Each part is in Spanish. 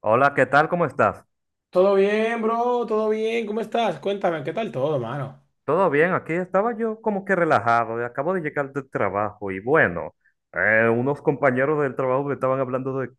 Hola, ¿qué tal? ¿Cómo estás? Todo bien, bro, todo bien. ¿Cómo estás? Cuéntame, ¿qué tal todo, mano? ¿Todo bien? Aquí estaba yo como que relajado, y acabo de llegar del trabajo y bueno, unos compañeros del trabajo me estaban hablando de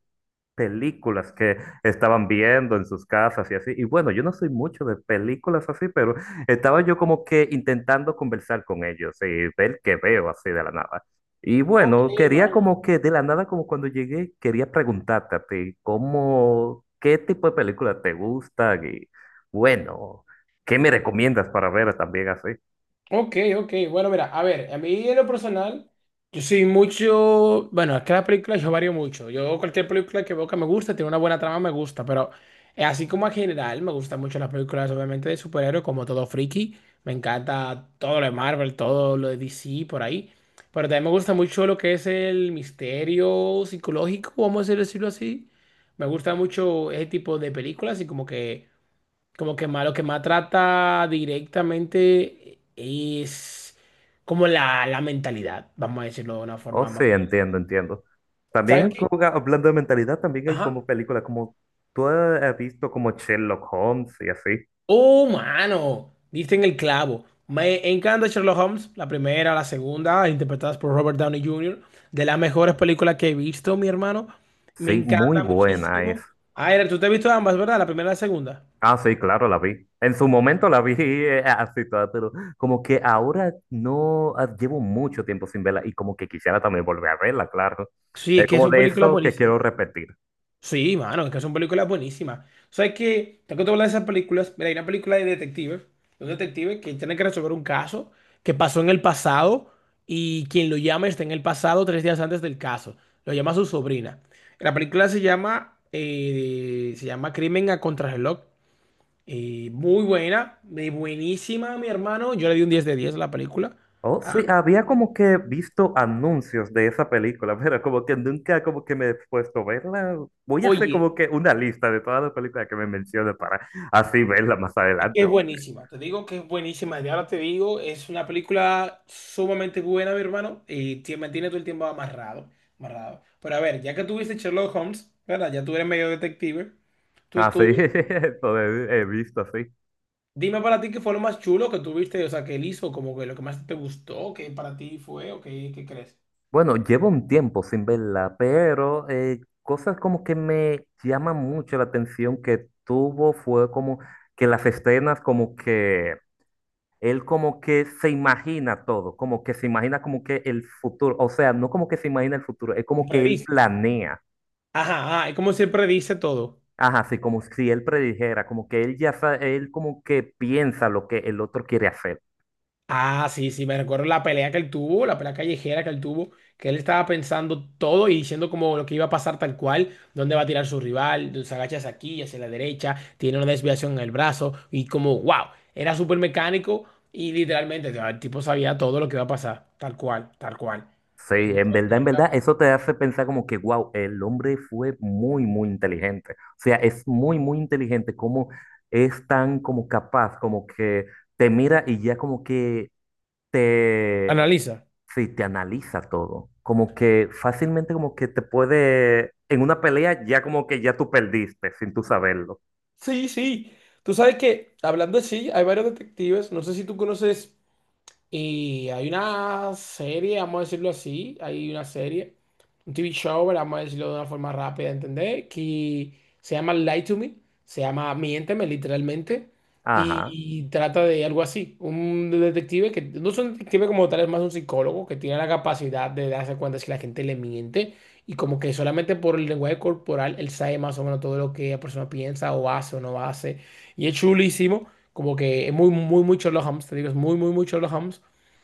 películas que estaban viendo en sus casas y así. Y bueno, yo no soy mucho de películas así, pero estaba yo como que intentando conversar con ellos y ver qué veo así de la nada. Y Ok, bueno, quería mano. como que de la nada, como cuando llegué, quería preguntarte a ti, ¿cómo, qué tipo de películas te gustan? Y bueno, ¿qué me recomiendas para ver también así? Ok, ok. Bueno, mira, a ver, a mí en lo personal, yo soy mucho. Bueno, es que las películas yo varío mucho. Yo, cualquier película que veo que me gusta, tiene una buena trama, me gusta. Pero así como en general, me gustan mucho las películas, obviamente, de superhéroes, como todo friki. Me encanta todo lo de Marvel, todo lo de DC, por ahí. Pero también me gusta mucho lo que es el misterio psicológico, vamos a decirlo así. Me gusta mucho ese tipo de películas y como que. Como que más, lo que más trata directamente es como la mentalidad, vamos a decirlo de una Oh, forma sí, más. entiendo, entiendo. ¿Sabes También qué? como, hablando de mentalidad, también hay como Ajá. películas como tú has visto como Sherlock Holmes y así. Oh, mano, diste en el clavo. Me encanta Sherlock Holmes, la primera, la segunda, interpretadas por Robert Downey Jr., de las mejores películas que he visto, mi hermano. Me Sí, muy encanta buena es. muchísimo. Aire, tú te has visto ambas, ¿verdad? La primera y la segunda. Ah, sí, claro, la vi. En su momento la vi así toda, pero como que ahora no llevo mucho tiempo sin verla y como que quisiera también volver a verla, claro. Sí, es Es que como son de películas eso que quiero buenísimas. repetir. Sí, mano, es que son películas buenísimas. ¿Sabes qué? Tengo que hablar de esas películas. Mira, hay una película de detectives, de un detective que tiene que resolver un caso que pasó en el pasado y quien lo llama está en el pasado 3 días antes del caso. Lo llama su sobrina. La película se llama Crimen a Contrarreloj. Muy buena, buenísima, mi hermano. Yo le di un 10 de 10 a la película. Oh, Ah, sí, había como que visto anuncios de esa película, pero como que nunca como que me he puesto a verla. Voy a hacer oye. como que una lista de todas las películas que me menciones para así verla más Es que adelante. es buenísima, te digo que es buenísima. Y ahora te digo, es una película sumamente buena, mi hermano, y te mantiene todo el tiempo amarrado, amarrado. Pero a ver, ya que tuviste Sherlock Holmes, ¿verdad? Ya tú eres medio detective. Tú, Así, tú, eso he visto así. dime para ti qué fue lo más chulo que tuviste, o sea, que él hizo, como que lo que más te gustó, que para ti fue, o qué crees. Bueno, llevo un tiempo sin verla, pero cosas como que me llaman mucho la atención que tuvo fue como que las escenas como que él como que se imagina todo, como que se imagina como que el futuro, o sea, no como que se imagina el futuro, es como que él Predice. planea, Ajá, ajá, es como se predice todo. ajá, sí, como si él predijera, como que él ya sabe, él como que piensa lo que el otro quiere hacer. Ah, sí, sí, me recuerdo la pelea que él tuvo, la pelea callejera que él tuvo, que él estaba pensando todo y diciendo como lo que iba a pasar tal cual, dónde va a tirar su rival, se agachas aquí, hacia la derecha, tiene una desviación en el brazo y como, wow, era súper mecánico y literalmente el tipo sabía todo lo que iba a pasar, tal cual, tal cual. Sí, El tipo sabía todo lo en que iba a verdad, pasar. eso te hace pensar como que, wow, el hombre fue muy, muy inteligente. O sea, es muy, muy inteligente, como es tan como capaz, como que te mira y ya como que te Analiza. sí, te analiza todo. Como que fácilmente como que te puede, en una pelea ya como que ya tú perdiste sin tú saberlo. Sí, sí. Tú sabes que, hablando así, hay varios detectives, no sé si tú conoces. Y hay una serie, vamos a decirlo así, hay una serie, un TV show, ¿verdad? Vamos a decirlo de una forma rápida de entender, que se llama Lie to Me, se llama Miénteme literalmente, y, Ajá. y trata de algo así, un detective que no es un detective como tal, es más un psicólogo que tiene la capacidad de darse cuenta si la gente le miente y como que solamente por el lenguaje corporal él sabe más o menos todo lo que la persona piensa o hace o no hace, y es chulísimo. Como que es muy, muy, muy Sherlock Holmes, te digo, es muy, muy, muy Sherlock Holmes.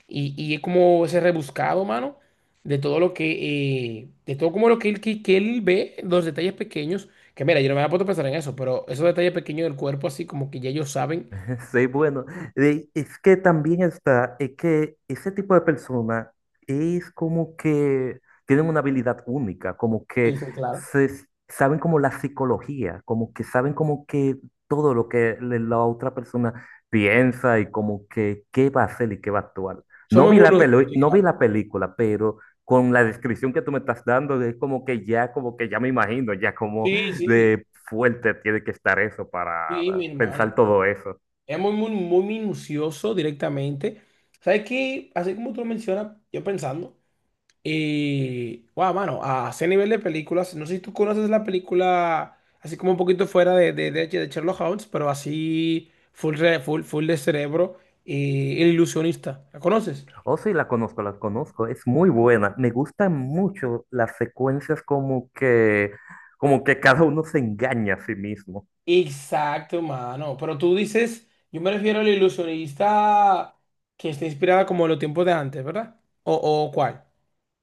Y es como ese rebuscado, mano, de todo lo que, de todo como lo que él, que él ve, los detalles pequeños, que mira, yo no me había puesto a pensar en eso, pero esos detalles pequeños del cuerpo, así como que ya ellos saben. Sí, bueno, es que también está, es que ese tipo de persona es como que tienen una habilidad única, como que Sí, sí, claro. se, saben como la psicología, como que saben como que todo lo que la otra persona piensa y como que qué va a hacer y qué va a actuar. No vi la Sí, no vi claro. la película, pero con la descripción que tú me estás dando, es como que ya me imagino, ya como Sí, sí, de fuerte tiene que estar eso para sí, mi hermano. pensar todo eso. Es muy, muy, muy minucioso directamente. ¿Sabes qué? Así como tú lo mencionas, yo pensando. Y, wow, mano, a ese nivel de películas, no sé si tú conoces la película, así como un poquito fuera de Sherlock Holmes, pero así full, full, full de cerebro y El Ilusionista. ¿La conoces? Oh, sí, la conozco, la conozco. Es muy buena. Me gustan mucho las secuencias como que cada uno se engaña a sí mismo. Exacto, mano. Pero tú dices, yo me refiero al ilusionista que está inspirada como en los tiempos de antes, ¿verdad? ¿O cuál?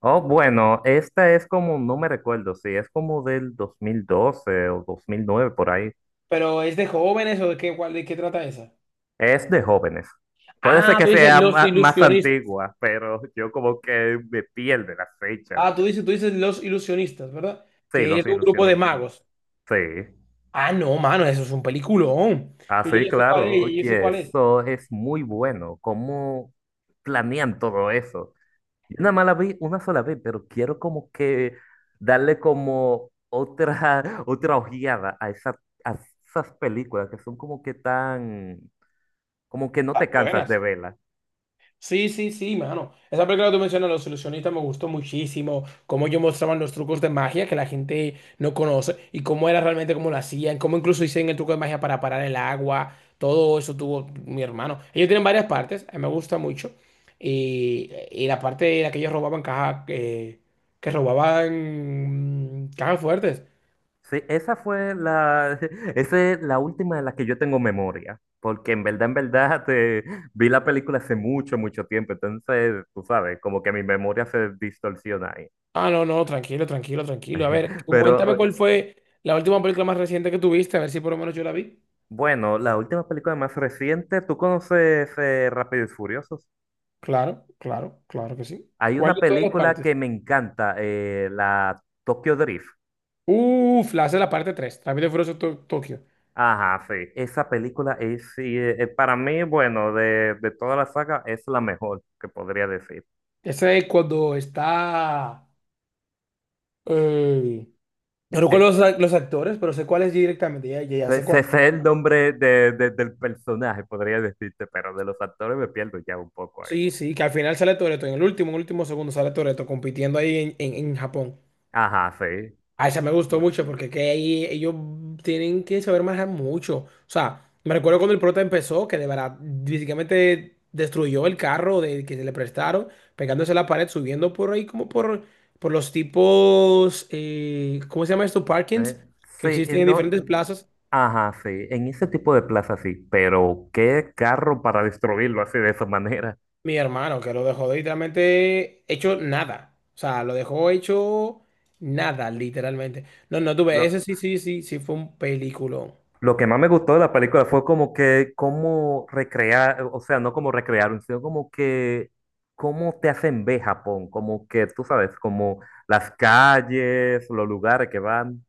Oh, bueno, esta es como, no me recuerdo, sí, es como del 2012 o 2009 por ahí. ¿Pero es de jóvenes o de qué, cuál, de qué trata esa? Es de jóvenes. Puede ser Ah, que tú dices sea los más, ilusionistas. antigua, pero yo como que me pierdo las fechas. Ah, tú dices los ilusionistas, ¿verdad? Sí, Que es los un grupo de ilusionistas. magos. Sí. Ah, no, mano, eso es un peliculón. Ah, Yo sí, sé cuál claro. es, yo sé Oye, cuál es. eso es muy bueno. ¿Cómo planean todo eso? Yo nada más la vi una sola vez, pero quiero como que darle como otra, otra ojeada a, a esas películas que son como que tan, como que no Las te cansas de buenas. verlas. Sí, sí, sí, mano. Esa película que tú mencionas, Los Ilusionistas, me gustó muchísimo. Cómo ellos mostraban los trucos de magia que la gente no conoce y cómo era realmente cómo lo hacían, cómo incluso hicieron el truco de magia para parar el agua. Todo eso tuvo mi hermano. Ellos tienen varias partes, a mí me gusta mucho. Y la parte en la que ellos robaban caja, que robaban cajas fuertes. Sí, esa fue la, esa es la última de la que yo tengo memoria, porque en verdad, vi la película hace mucho, mucho tiempo, entonces, tú sabes, como que mi memoria se distorsiona ahí. Ah, no, no, tranquilo, tranquilo, tranquilo. A ver, Pero coméntame cuál fue la última película más reciente que tuviste, a ver si por lo menos yo la vi. bueno, la última película más reciente, ¿tú conoces Rápido y Furioso? Claro, claro, claro que sí. Hay ¿Cuál una de todas las película partes? que me encanta, la Tokyo Drift. Uf, la hace la parte 3, Rápido y Furioso Tokio. Ajá, sí. Esa película es, sí, para mí, bueno, de toda la saga, es la mejor que podría decir. Ese es cuando está. Eh, no Eh, recuerdo los actores, pero sé cuál es directamente, ya, ya, ya sé Ese cuál. es el nombre del personaje, podría decirte, pero de los actores me pierdo ya un poco ahí. Sí, sí, que al final sale Toretto, en el último segundo sale Toretto compitiendo ahí en, en Japón. Ajá, sí. Ah, esa me gustó Bueno, mucho porque que ahí ellos tienen que saber manejar mucho. O sea, me recuerdo cuando el prota empezó, que de verdad básicamente destruyó el carro de, que se le prestaron, pegándose a la pared, subiendo por ahí como por los tipos, ¿cómo se llama esto? Parkings, eh, sí, que existen en no, diferentes plazas. ajá, sí, en ese tipo de plaza sí, pero qué carro para destruirlo así de esa manera. Mi hermano, que lo dejó literalmente hecho nada. O sea, lo dejó hecho nada, literalmente. No, no tuve, No, ese sí, sí, sí, sí fue un peliculón. lo que más me gustó de la película fue como que cómo recrear, o sea, no como recrearon, sino como que cómo te hacen ver Japón, como que tú sabes, como las calles, los lugares que van,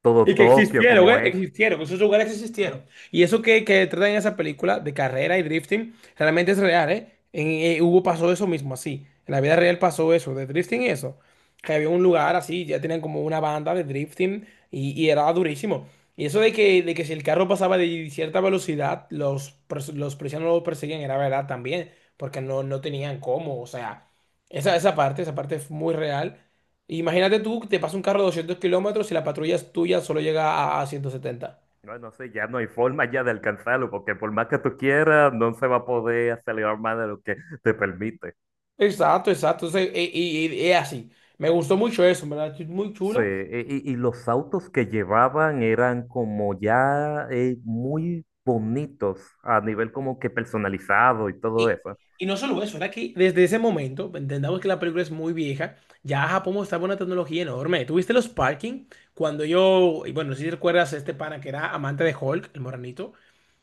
todo Y que Tokio existieron, como ¿eh? es. Existieron, esos lugares existieron. Y eso que, tratan en esa película de carrera y drifting, realmente es real, ¿eh? Hubo, pasó eso mismo, así. En la vida real pasó eso, de drifting y eso. Que había un lugar así, ya tenían como una banda de drifting y era durísimo. Y eso de que si el carro pasaba de cierta velocidad, los policías no lo perseguían, era verdad también, porque no tenían cómo, o sea, esa parte es muy real. Imagínate tú, te pasa un carro de 200 kilómetros y la patrulla es tuya solo llega a 170. No, no sé, ya no hay forma ya de alcanzarlo, porque por más que tú quieras, no se va a poder acelerar más de lo que te permite. Exacto, exacto. Entonces, y es así. Me gustó mucho eso, en ¿verdad? Es muy Sí, chula. y, y los autos que llevaban eran como ya muy bonitos a nivel como que personalizado y todo Y, eso. y no solo eso, era que desde ese momento, entendamos que la película es muy vieja, ya Japón mostraba una tecnología enorme. ¿Tuviste los parking? Cuando yo, y bueno, no sé si recuerdas a este pana que era amante de Hulk, el moranito,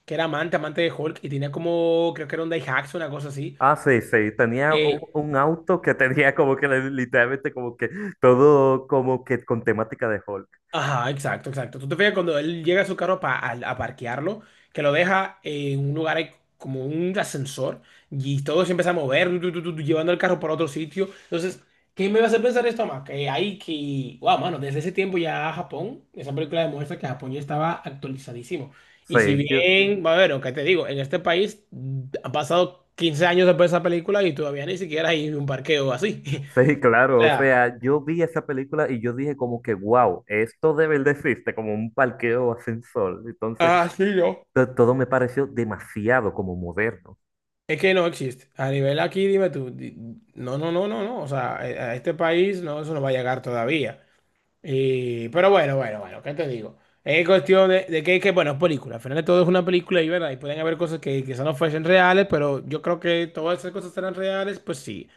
que era amante, amante de Hulk, y tenía como, creo que era un Daihatsu, una cosa así. Ah, sí, sí, tenía un Eh, un, auto que tenía como que literalmente como que todo como que con temática de Hulk. Ajá, exacto, exacto. Tú te fijas cuando él llega a su carro a parquearlo, que lo deja en un lugar ahí como un ascensor y todo se empieza a mover, tu, llevando el carro para otro sitio. Entonces, ¿qué me va a hacer pensar esto más? Que hay que, wow, mano, desde ese tiempo ya Japón, esa película demuestra que Japón ya estaba actualizadísimo. Y si Sí, bien, bueno, ¿qué te digo? En este país han pasado 15 años después de esa película y todavía ni siquiera hay un parqueo así. sí, O claro, o sea, sea, yo vi esa película y yo dije como que, wow, esto debe de existe, como un parqueo sin sol. Entonces, ah, sí, yo. Todo me pareció demasiado como moderno. Es que no existe. A nivel aquí, dime tú, no, no, no, no, no. O sea, a este país no, eso no va a llegar todavía. Y, pero bueno, bueno, bueno, ¿qué te digo? Es cuestión de que, bueno, es película. Al final de todo es una película y, ¿verdad? Y pueden haber cosas que quizás no fuesen reales, pero yo creo que todas esas cosas eran reales, pues sí.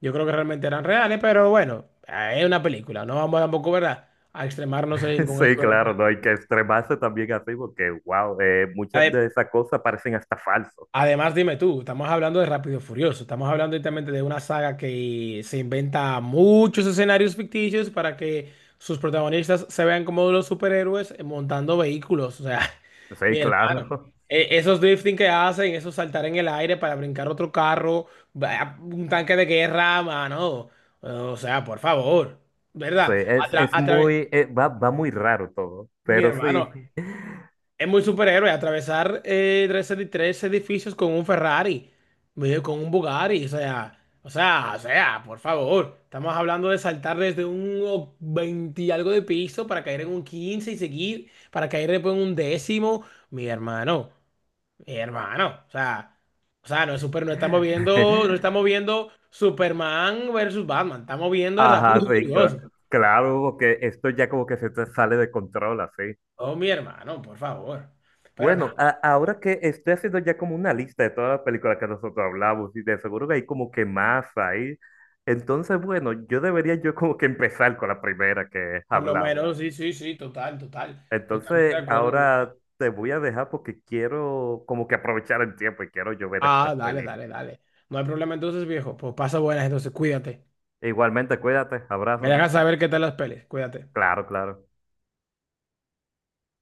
Yo creo que realmente eran reales, pero bueno, es una película. No vamos tampoco, ¿verdad? A extremarnos con Sí, esto de la claro, no hay que extremarse también así porque, wow, muchas de película. esas cosas parecen hasta falsos. Además, dime tú, estamos hablando de Rápido y Furioso, estamos hablando directamente de una saga que se inventa muchos escenarios ficticios para que sus protagonistas se vean como los superhéroes montando vehículos. O sea, Sí, mi hermano, claro. Esos drifting que hacen, esos saltar en el aire para brincar otro carro, un tanque de guerra, mano. O sea, por favor, Sí, ¿verdad? A tra- es a través- muy, va, va muy raro todo, mi pero hermano, sí. es muy superhéroe atravesar tres edificios con un Ferrari, medio con un Bugatti, o sea, o sea, o sea, por favor. Estamos hablando de saltar desde un 20 y algo de piso para caer en un 15 y seguir, para caer después en un décimo. Mi hermano, mi hermano, o sea, no es super, no estamos viendo, no estamos viendo Superman versus Batman, estamos viendo el Ajá, Rápido y sí, Furioso. claro, porque esto ya como que se te sale de control, así. Oh, mi hermano, por favor. Pero nada. Bueno, ahora que estoy haciendo ya como una lista de todas las películas que nosotros hablamos, y de seguro que hay como que más ahí. Entonces, bueno, yo debería yo como que empezar con la primera que Por lo hablamos. menos, sí, sí, sí, total, total. Totalmente de Entonces, acuerdo, mi hermano. ahora te voy a dejar porque quiero como que aprovechar el tiempo y quiero yo ver estas Ah, dale, dale, películas. dale. No hay problema entonces, viejo. Pues pasa buenas, entonces cuídate. E igualmente, cuídate, Me abrazos. dejas saber qué tal las pelis. Cuídate. Claro, claro.